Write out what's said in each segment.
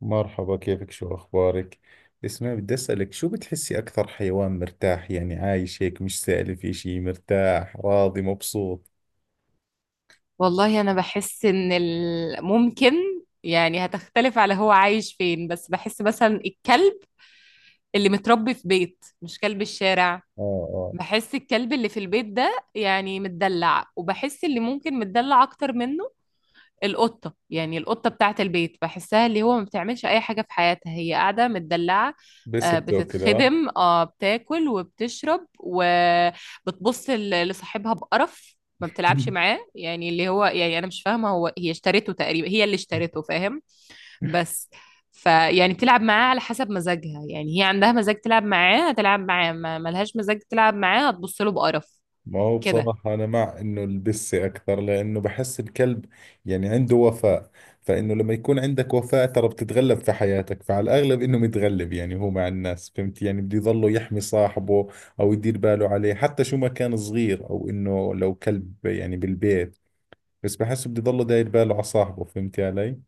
مرحبا، كيفك؟ شو أخبارك؟ اسمعي، بدي أسألك شو بتحسي أكثر حيوان مرتاح، يعني عايش هيك مش سائل في شيء، مرتاح راضي مبسوط؟ والله انا بحس ان ممكن، يعني هتختلف على هو عايش فين، بس بحس مثلا الكلب اللي متربي في بيت، مش كلب الشارع. آه. آه. بحس الكلب اللي في البيت ده يعني متدلع، وبحس اللي ممكن متدلع اكتر منه. القطة، يعني القطة بتاعة البيت، بحسها اللي هو ما بتعملش أي حاجة في حياتها، هي قاعدة متدلعة. بس آه، بتاكل. آه. بتتخدم، بتاكل وبتشرب وبتبص لصاحبها بقرف. ما بتلعبش معاه، يعني اللي هو يعني أنا مش فاهمة هو، هي اشترته تقريبا، هي اللي اشترته فاهم. بس فيعني بتلعب معاه على حسب مزاجها، يعني هي عندها مزاج تلعب معاه هتلعب معاه، ما ملهاش مزاج تلعب معاه هتبص له بقرف. ما هو كده. بصراحة أنا مع إنه البسة أكثر، لأنه بحس الكلب يعني عنده وفاء. فإنه لما يكون عندك وفاء ترى بتتغلب في حياتك، فعلى الأغلب إنه متغلب، يعني هو مع الناس، فهمت يعني. بده يظله يحمي صاحبه أو يدير باله عليه، حتى شو ما كان صغير أو إنه لو كلب يعني بالبيت. بس بحس بده يضله داير باله على صاحبه، فهمتي علي؟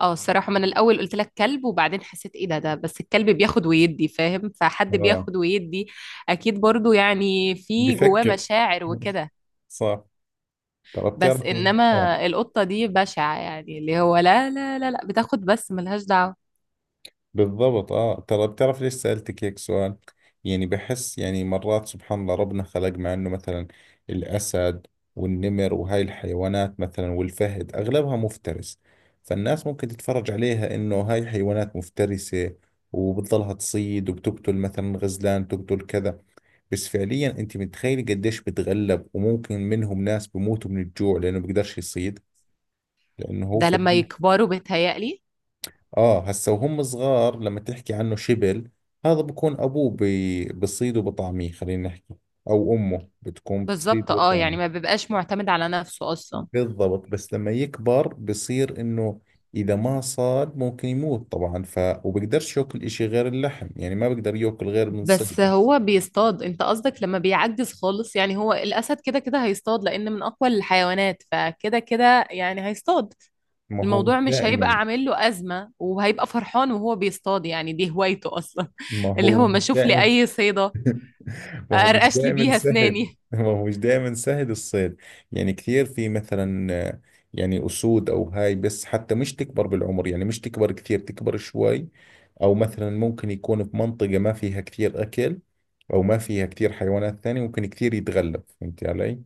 اه، الصراحة، ما انا الاول قلت لك كلب وبعدين حسيت ايه ده، بس الكلب بياخد ويدي فاهم، فحد اه. بياخد ويدي اكيد برضو يعني في جواه بفكر. مشاعر وكده. صح. ترى بس بتعرفي؟ اه. انما القطة دي بشعة، يعني اللي هو لا، لا، لا، لا، بتاخد بس ملهاش دعوة. بالضبط. اه. ترى بتعرف ليش سألتك هيك سؤال؟ يعني بحس، يعني مرات سبحان الله ربنا خلق، مع انه مثلا الأسد والنمر وهاي الحيوانات مثلا والفهد أغلبها مفترس. فالناس ممكن تتفرج عليها انه هاي حيوانات مفترسة، وبتضلها تصيد وبتقتل مثلا غزلان، تقتل كذا. بس فعليا انت متخيل قديش بتغلب، وممكن منهم ناس بموتوا من الجوع لانه بيقدرش يصيد، لانه هو ده لما فعليا. يكبروا بيتهيألي. اه، هسا وهم صغار، لما تحكي عنه شبل، هذا بكون ابوه بصيد وبطعميه، خلينا نحكي، او امه بتكون بالظبط، بتصيد يعني ما وبطعميه. بيبقاش معتمد على نفسه اصلا. بالضبط، بس لما يكبر بصير انه اذا ما صاد ممكن يموت طبعا، ف وبقدرش ياكل اشي غير اللحم، يعني ما بقدر ياكل غير من صيده. بس هو بيصطاد، انت قصدك لما بيعجز خالص، يعني هو الاسد كده كده هيصطاد، لان من اقوى الحيوانات، فكده كده يعني هيصطاد. ما هو مش الموضوع مش هيبقى دائما. عامل له أزمة، وهيبقى فرحان وهو بيصطاد، يعني دي هوايته أصلا. ما اللي هو هو ما مش أشوف لي دائما. أي صيدة ما هو مش أرقش لي دائما بيها سهل. أسناني. ما هو مش دائما سهل الصيد. يعني كثير في مثلا يعني أسود أو هاي، بس حتى مش تكبر بالعمر، يعني مش تكبر كثير، تكبر شوي، أو مثلا ممكن يكون في منطقة ما فيها كثير أكل، أو ما فيها كثير حيوانات ثانية، ممكن كثير يتغلب. فهمتي علي؟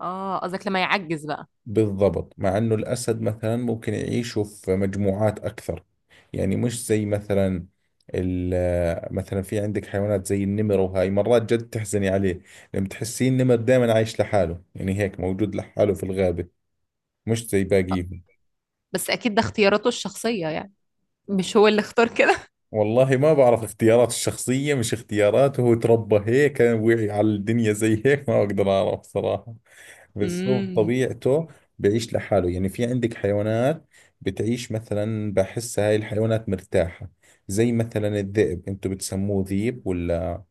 آه قصدك لما يعجز بقى. بالضبط، مع انه الاسد مثلا ممكن يعيشوا في مجموعات اكثر، يعني مش زي مثلا، مثلا في عندك حيوانات زي النمر، وهاي مرات جد تحزني عليه. لما تحسين النمر دائما عايش لحاله، يعني هيك موجود لحاله في الغابة، مش زي آه، باقيهم. بس أكيد ده اختياراته الشخصية، يعني مش هو اللي اختار كده. والله ما بعرف اختيارات الشخصية، مش اختياراته هو، تربى هيك وعي على الدنيا زي هيك، ما اقدر اعرف صراحة. بالضبط، امم طبيعته بيعيش لحاله. يعني في عندك حيوانات بتعيش مثلا، بحس هاي الحيوانات مرتاحة، زي مثلا الذئب، انتوا بتسموه ذيب ولا؟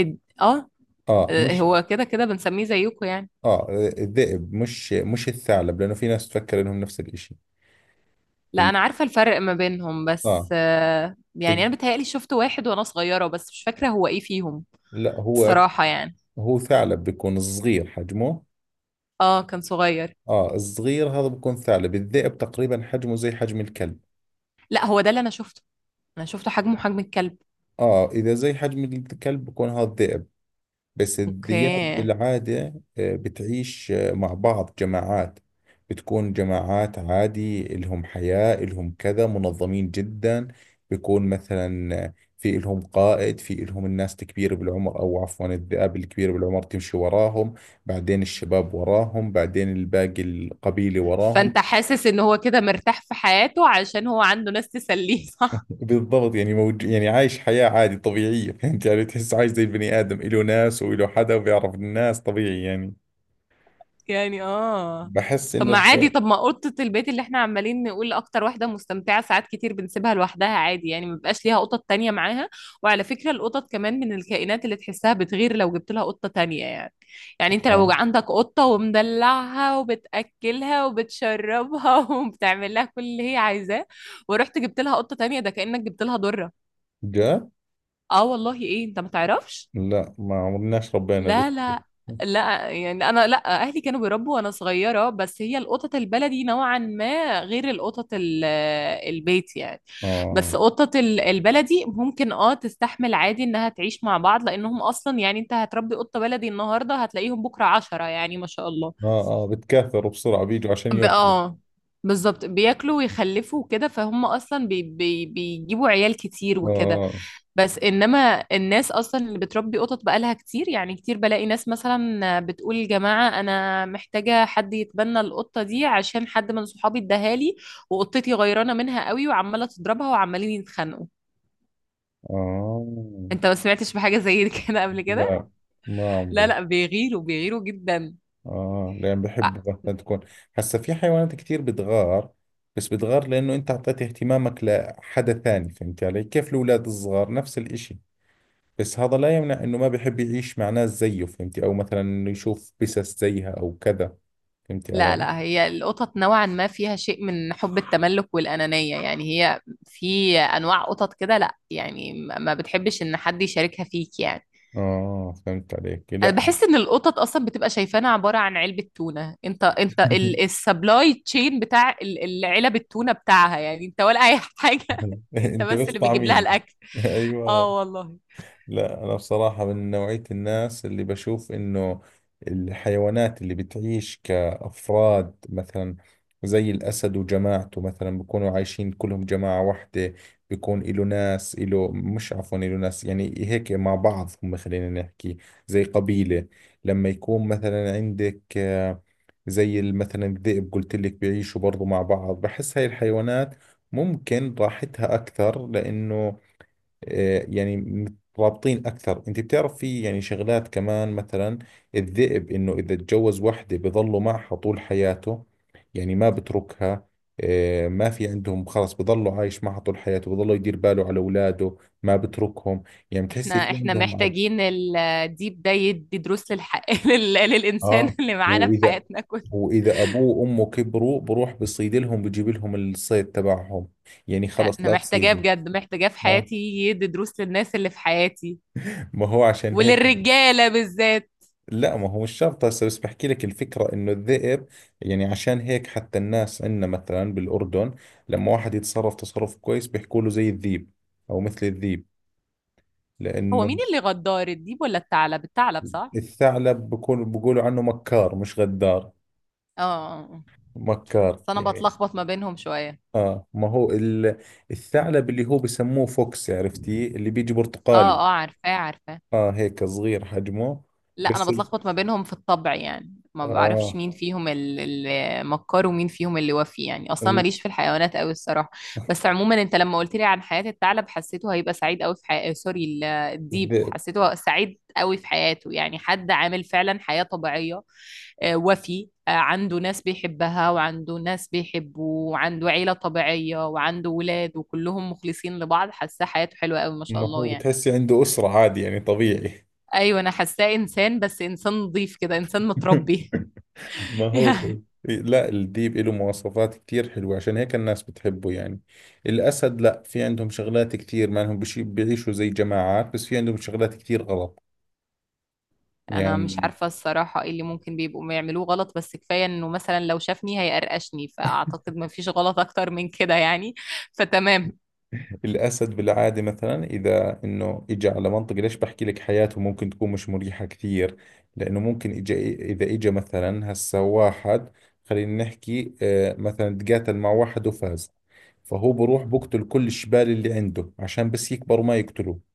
آه. اه آه، مش هو كده كده بنسميه زيكم يعني. اه الذئب، مش الثعلب، لانه في ناس تفكر انهم نفس الاشي. لا، ال- أنا عارفة الفرق ما بينهم، بس اه يعني ال- أنا بتهيألي شفت واحد وأنا صغيرة، بس مش فاكرة هو إيه فيهم. لا هو، الصراحة يعني. هو ثعلب بيكون صغير حجمه، آه كان صغير. اه الصغير هذا بيكون ثعلب. الذئب تقريبا حجمه زي حجم الكلب. لا، هو ده اللي أنا شفته، أنا شفته حجمه حجم الكلب. اه، اذا زي حجم الكلب بيكون هذا الذئب. بس الذئاب اوكي. بالعادة بتعيش مع بعض جماعات. بتكون جماعات عادي، إلهم حياة إلهم كذا، منظمين جدا. بيكون مثلا في إلهم قائد، في إلهم الناس الكبيرة بالعمر، أو عفوا الذئاب الكبيرة بالعمر تمشي وراهم، بعدين الشباب وراهم، بعدين الباقي القبيلة وراهم. فانت حاسس ان هو كده مرتاح في حياته، عشان هو عنده ناس تسليه، صح؟ بالضبط، يعني يعني عايش حياة عادي طبيعية. فهمت يعني، تحس عايش زي البني آدم، إله ناس وإله حدا، وبيعرف الناس طبيعي يعني. يعني اه. بحس طب إنه ما عادي، الحياة. طب ما اوضه البيت اللي احنا عمالين نقول اكتر واحده مستمتعه، ساعات كتير بنسيبها لوحدها عادي، يعني ما بيبقاش ليها قطط تانية معاها. وعلى فكره القطط كمان من الكائنات اللي تحسها بتغير لو جبت لها قطه تانية يعني، يعني انت آه. لو عندك قطه ومدلعها وبتاكلها وبتشربها وبتعمل لها كل اللي هي عايزاه، ورحت جبت لها قطه تانية، ده كانك جبت لها ضره. جاء. اه والله، ايه انت ما تعرفش؟ لا، ما عمرناش ربينا لا، ذي. لا. لا يعني انا، لا، اهلي كانوا بيربوا وانا صغيره، بس هي القطط البلدي نوعا ما غير القطط البيت يعني. آه. بس قطط البلدي ممكن تستحمل عادي انها تعيش مع بعض، لانهم اصلا، يعني انت هتربي قطه بلدي النهارده هتلاقيهم بكره 10، يعني ما شاء الله. آه. آه، بتكاثروا بسرعة، بيجوا عشان ب- يأكلوا. اه بالظبط بياكلوا ويخلفوا وكده، فهم اصلا بي بي بيجيبوا عيال كتير وكده. آه. بس انما الناس اصلا اللي بتربي قطط بقالها كتير، يعني كتير بلاقي ناس مثلا بتقول يا جماعه انا محتاجه حد يتبنى القطه دي، عشان حد من صحابي اداها لي، وقطتي غيرانه منها قوي وعماله تضربها وعمالين يتخانقوا. آه. انت ما سمعتش بحاجه زي كده قبل كده؟ لا، ما لا، عمري. لا، بيغيروا بيغيروا جدا. آه، لأن بحبوا مثلا تكون، هسا في حيوانات كثير بتغار، بس بتغار لأنه أنت أعطيت اهتمامك لحدا ثاني، فهمت علي كيف؟ الأولاد الصغار نفس الإشي. بس هذا لا يمنع إنه ما بحب يعيش مع ناس زيه، فهمتي، أو مثلا إنه يشوف بسس زيها أو كذا. فهمتي علي؟ لا، لا، هي القطط نوعا ما فيها شيء من حب التملك والأنانية، يعني هي في أنواع قطط كده، لا يعني ما بتحبش إن حد يشاركها فيك يعني. آه، فهمت عليك. أنا لا. بحس إن القطط أصلا بتبقى شايفانا عبارة عن علبة تونة، أنت السبلاي تشين بتاع العلب التونة بتاعها يعني، أنت ولا أي حاجة. أنت انت بس بس اللي بيجيب لها طعميني. الأكل. ايوه. اه والله. لا، أنا بصراحة من نوعية الناس اللي بشوف إنه الحيوانات اللي بتعيش كأفراد مثلا، زي الأسد وجماعته مثلا بيكونوا عايشين كلهم جماعة واحدة، بيكون إله ناس، إله، مش، عفوا، إله ناس، يعني هيك مع بعض هم، خلينا نحكي زي قبيلة. لما يكون مثلا عندك زي مثلا الذئب، قلت لك بيعيشوا برضو مع بعض، بحس هاي الحيوانات ممكن راحتها أكثر، لأنه يعني مترابطين اكثر. انت بتعرف في يعني شغلات كمان، مثلا الذئب، انه اذا تجوز وحده بظلوا معها طول حياته، يعني ما بتركها. ما في عندهم خلص، بظلوا عايش معها طول حياته، بظلوا يدير باله على اولاده، ما بتركهم. يعني بتحسي احنا في احنا عندهم محتاجين الديب ده يدي دروس للإنسان اه. اللي معانا في واذا حياتنا كلها. واذا ابوه وامه كبروا، بروح بصيد لهم، بجيب لهم الصيد تبعهم، يعني خلص انا لا محتاجاه تصيدوا. بجد، محتاجاه في اه، حياتي يدي دروس للناس اللي في حياتي، ما هو عشان هيك. وللرجاله بالذات. لا، ما هو مش شرط هسه، بس بحكي لك الفكرة انه الذئب، يعني عشان هيك حتى الناس عندنا مثلا بالاردن، لما واحد يتصرف تصرف كويس بيحكوا له زي الذيب، او مثل الذيب، هو مين لانه اللي غدار، الديب ولا الثعلب؟ الثعلب صح. الثعلب بكون بيقولوا عنه مكار، مش غدار. اه، آه، آه. مكار بس انا يعني. بتلخبط ما بينهم شويه. اه، ما هو الثعلب اللي هو بسموه فوكس، عرفتي اللي بيجي اه، برتقالي؟ اه، عارفاه عارفاه. اه، هيك صغير حجمه. لا، انا بس بتلخبط ما بينهم في الطبع، يعني ما بعرفش اه مين فيهم المكار ومين فيهم اللي وفي، يعني اصلا ال- ماليش في الحيوانات قوي الصراحه. بس عموما انت لما قلت لي عن حياه الثعلب حسيته هيبقى سعيد قوي في حياته، سوري الديب، الذئب. حسيته سعيد قوي في حياته، يعني حد عامل فعلا حياه طبيعيه. آه، وفي آه، عنده ناس بيحبها وعنده ناس بيحبوه، وعنده عيله طبيعيه وعنده ولاد وكلهم مخلصين لبعض، حاسه حياته حلوه قوي ما شاء ما الله هو يعني. بتحسي عنده أسرة عادي، يعني طبيعي. ايوه، انا حاساه انسان، بس انسان نظيف كده، انسان متربي. ما هو كده. يعني. لا، الديب له مواصفات كتير حلوة، عشان هيك الناس بتحبه يعني. الأسد لا، في عندهم شغلات كتير ما لهم بشي، بيعيشوا زي جماعات، بس في عندهم شغلات كتير غلط انا مش يعني. عارفه الصراحه ايه اللي ممكن بيبقوا بيعملوه غلط، بس كفايه انه مثلا لو شافني هيقرقشني، فاعتقد ما فيش غلط اكتر من كده يعني، فتمام. الأسد بالعادة مثلا، إذا إنه إجا على منطقة، ليش بحكي لك حياته ممكن تكون مش مريحة كثير؟ لأنه ممكن إجا، إذا إجا مثلا هسا واحد، خلينا نحكي، مثلا تقاتل مع واحد وفاز، فهو بروح بقتل كل الشبال اللي عنده عشان بس يكبروا ما يقتلوه.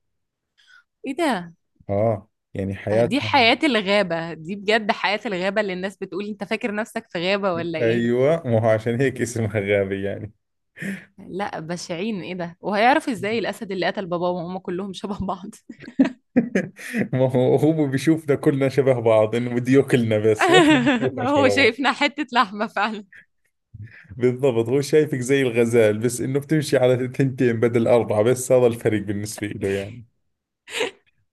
ايه ده! اه، يعني دي حياتهم. حياه الغابه، دي بجد حياه الغابه اللي الناس بتقول انت فاكر نفسك في غابه ولا ايه. ايوه، ما هو عشان هيك اسمها غابة يعني. لا بشعين، ايه ده! وهيعرف ازاي الاسد اللي قتل باباه وماما، كلهم شبه بعض. ما هو هو بيشوفنا كلنا شبه بعض، انه بده ياكلنا بس. ما إحنا بنشوفنا هو شبه بعض. شايفنا حته لحمه فعلا. بالضبط، هو شايفك زي الغزال، بس انه بتمشي على ثنتين بدل اربعة، بس هذا الفرق بالنسبة له يعني.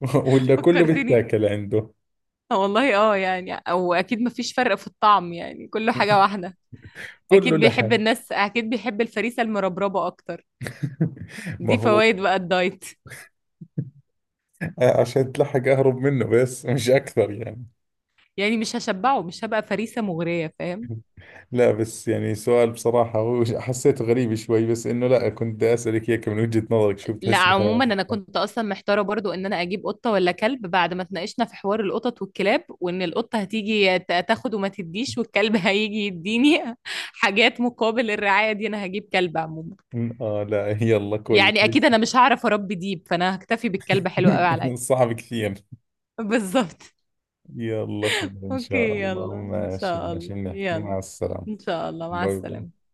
ولا كله فكرتني. بيتاكل عنده، آه والله، يعني او اكيد مفيش فرق في الطعم، يعني كله حاجة واحدة. كله اكيد بيحب لحم. الناس، اكيد بيحب الفريسة المربربة اكتر. ما دي هو فوائد بقى الدايت. عشان تلحق اهرب منه بس، مش اكثر يعني. يعني مش هشبعه، مش هبقى فريسة مغرية فاهم. لا، بس يعني سؤال بصراحة، هو حسيته غريب شوي، بس إنه لا، كنت بدي أسألك إياك من وجهة نظرك شو لا بتحس مثلا. عموما انا كنت اصلا محتارة برضو ان انا اجيب قطة ولا كلب، بعد ما اتناقشنا في حوار القطط والكلاب، وان القطة هتيجي تاخد وما تديش، والكلب هيجي يديني حاجات مقابل الرعاية دي، انا هجيب كلب عموما. لا، يلا كويس. يعني اكيد انا مش هعرف اربي ديب، فانا هكتفي بالكلب حلو قوي عليا. صعب كثير. بالظبط. يلا خير إن شاء اوكي، الله، يلا ان ماشي شاء ماشي، الله، نحكي، مع يلا السلامة. ان شاء الله مع باي باي. السلامة.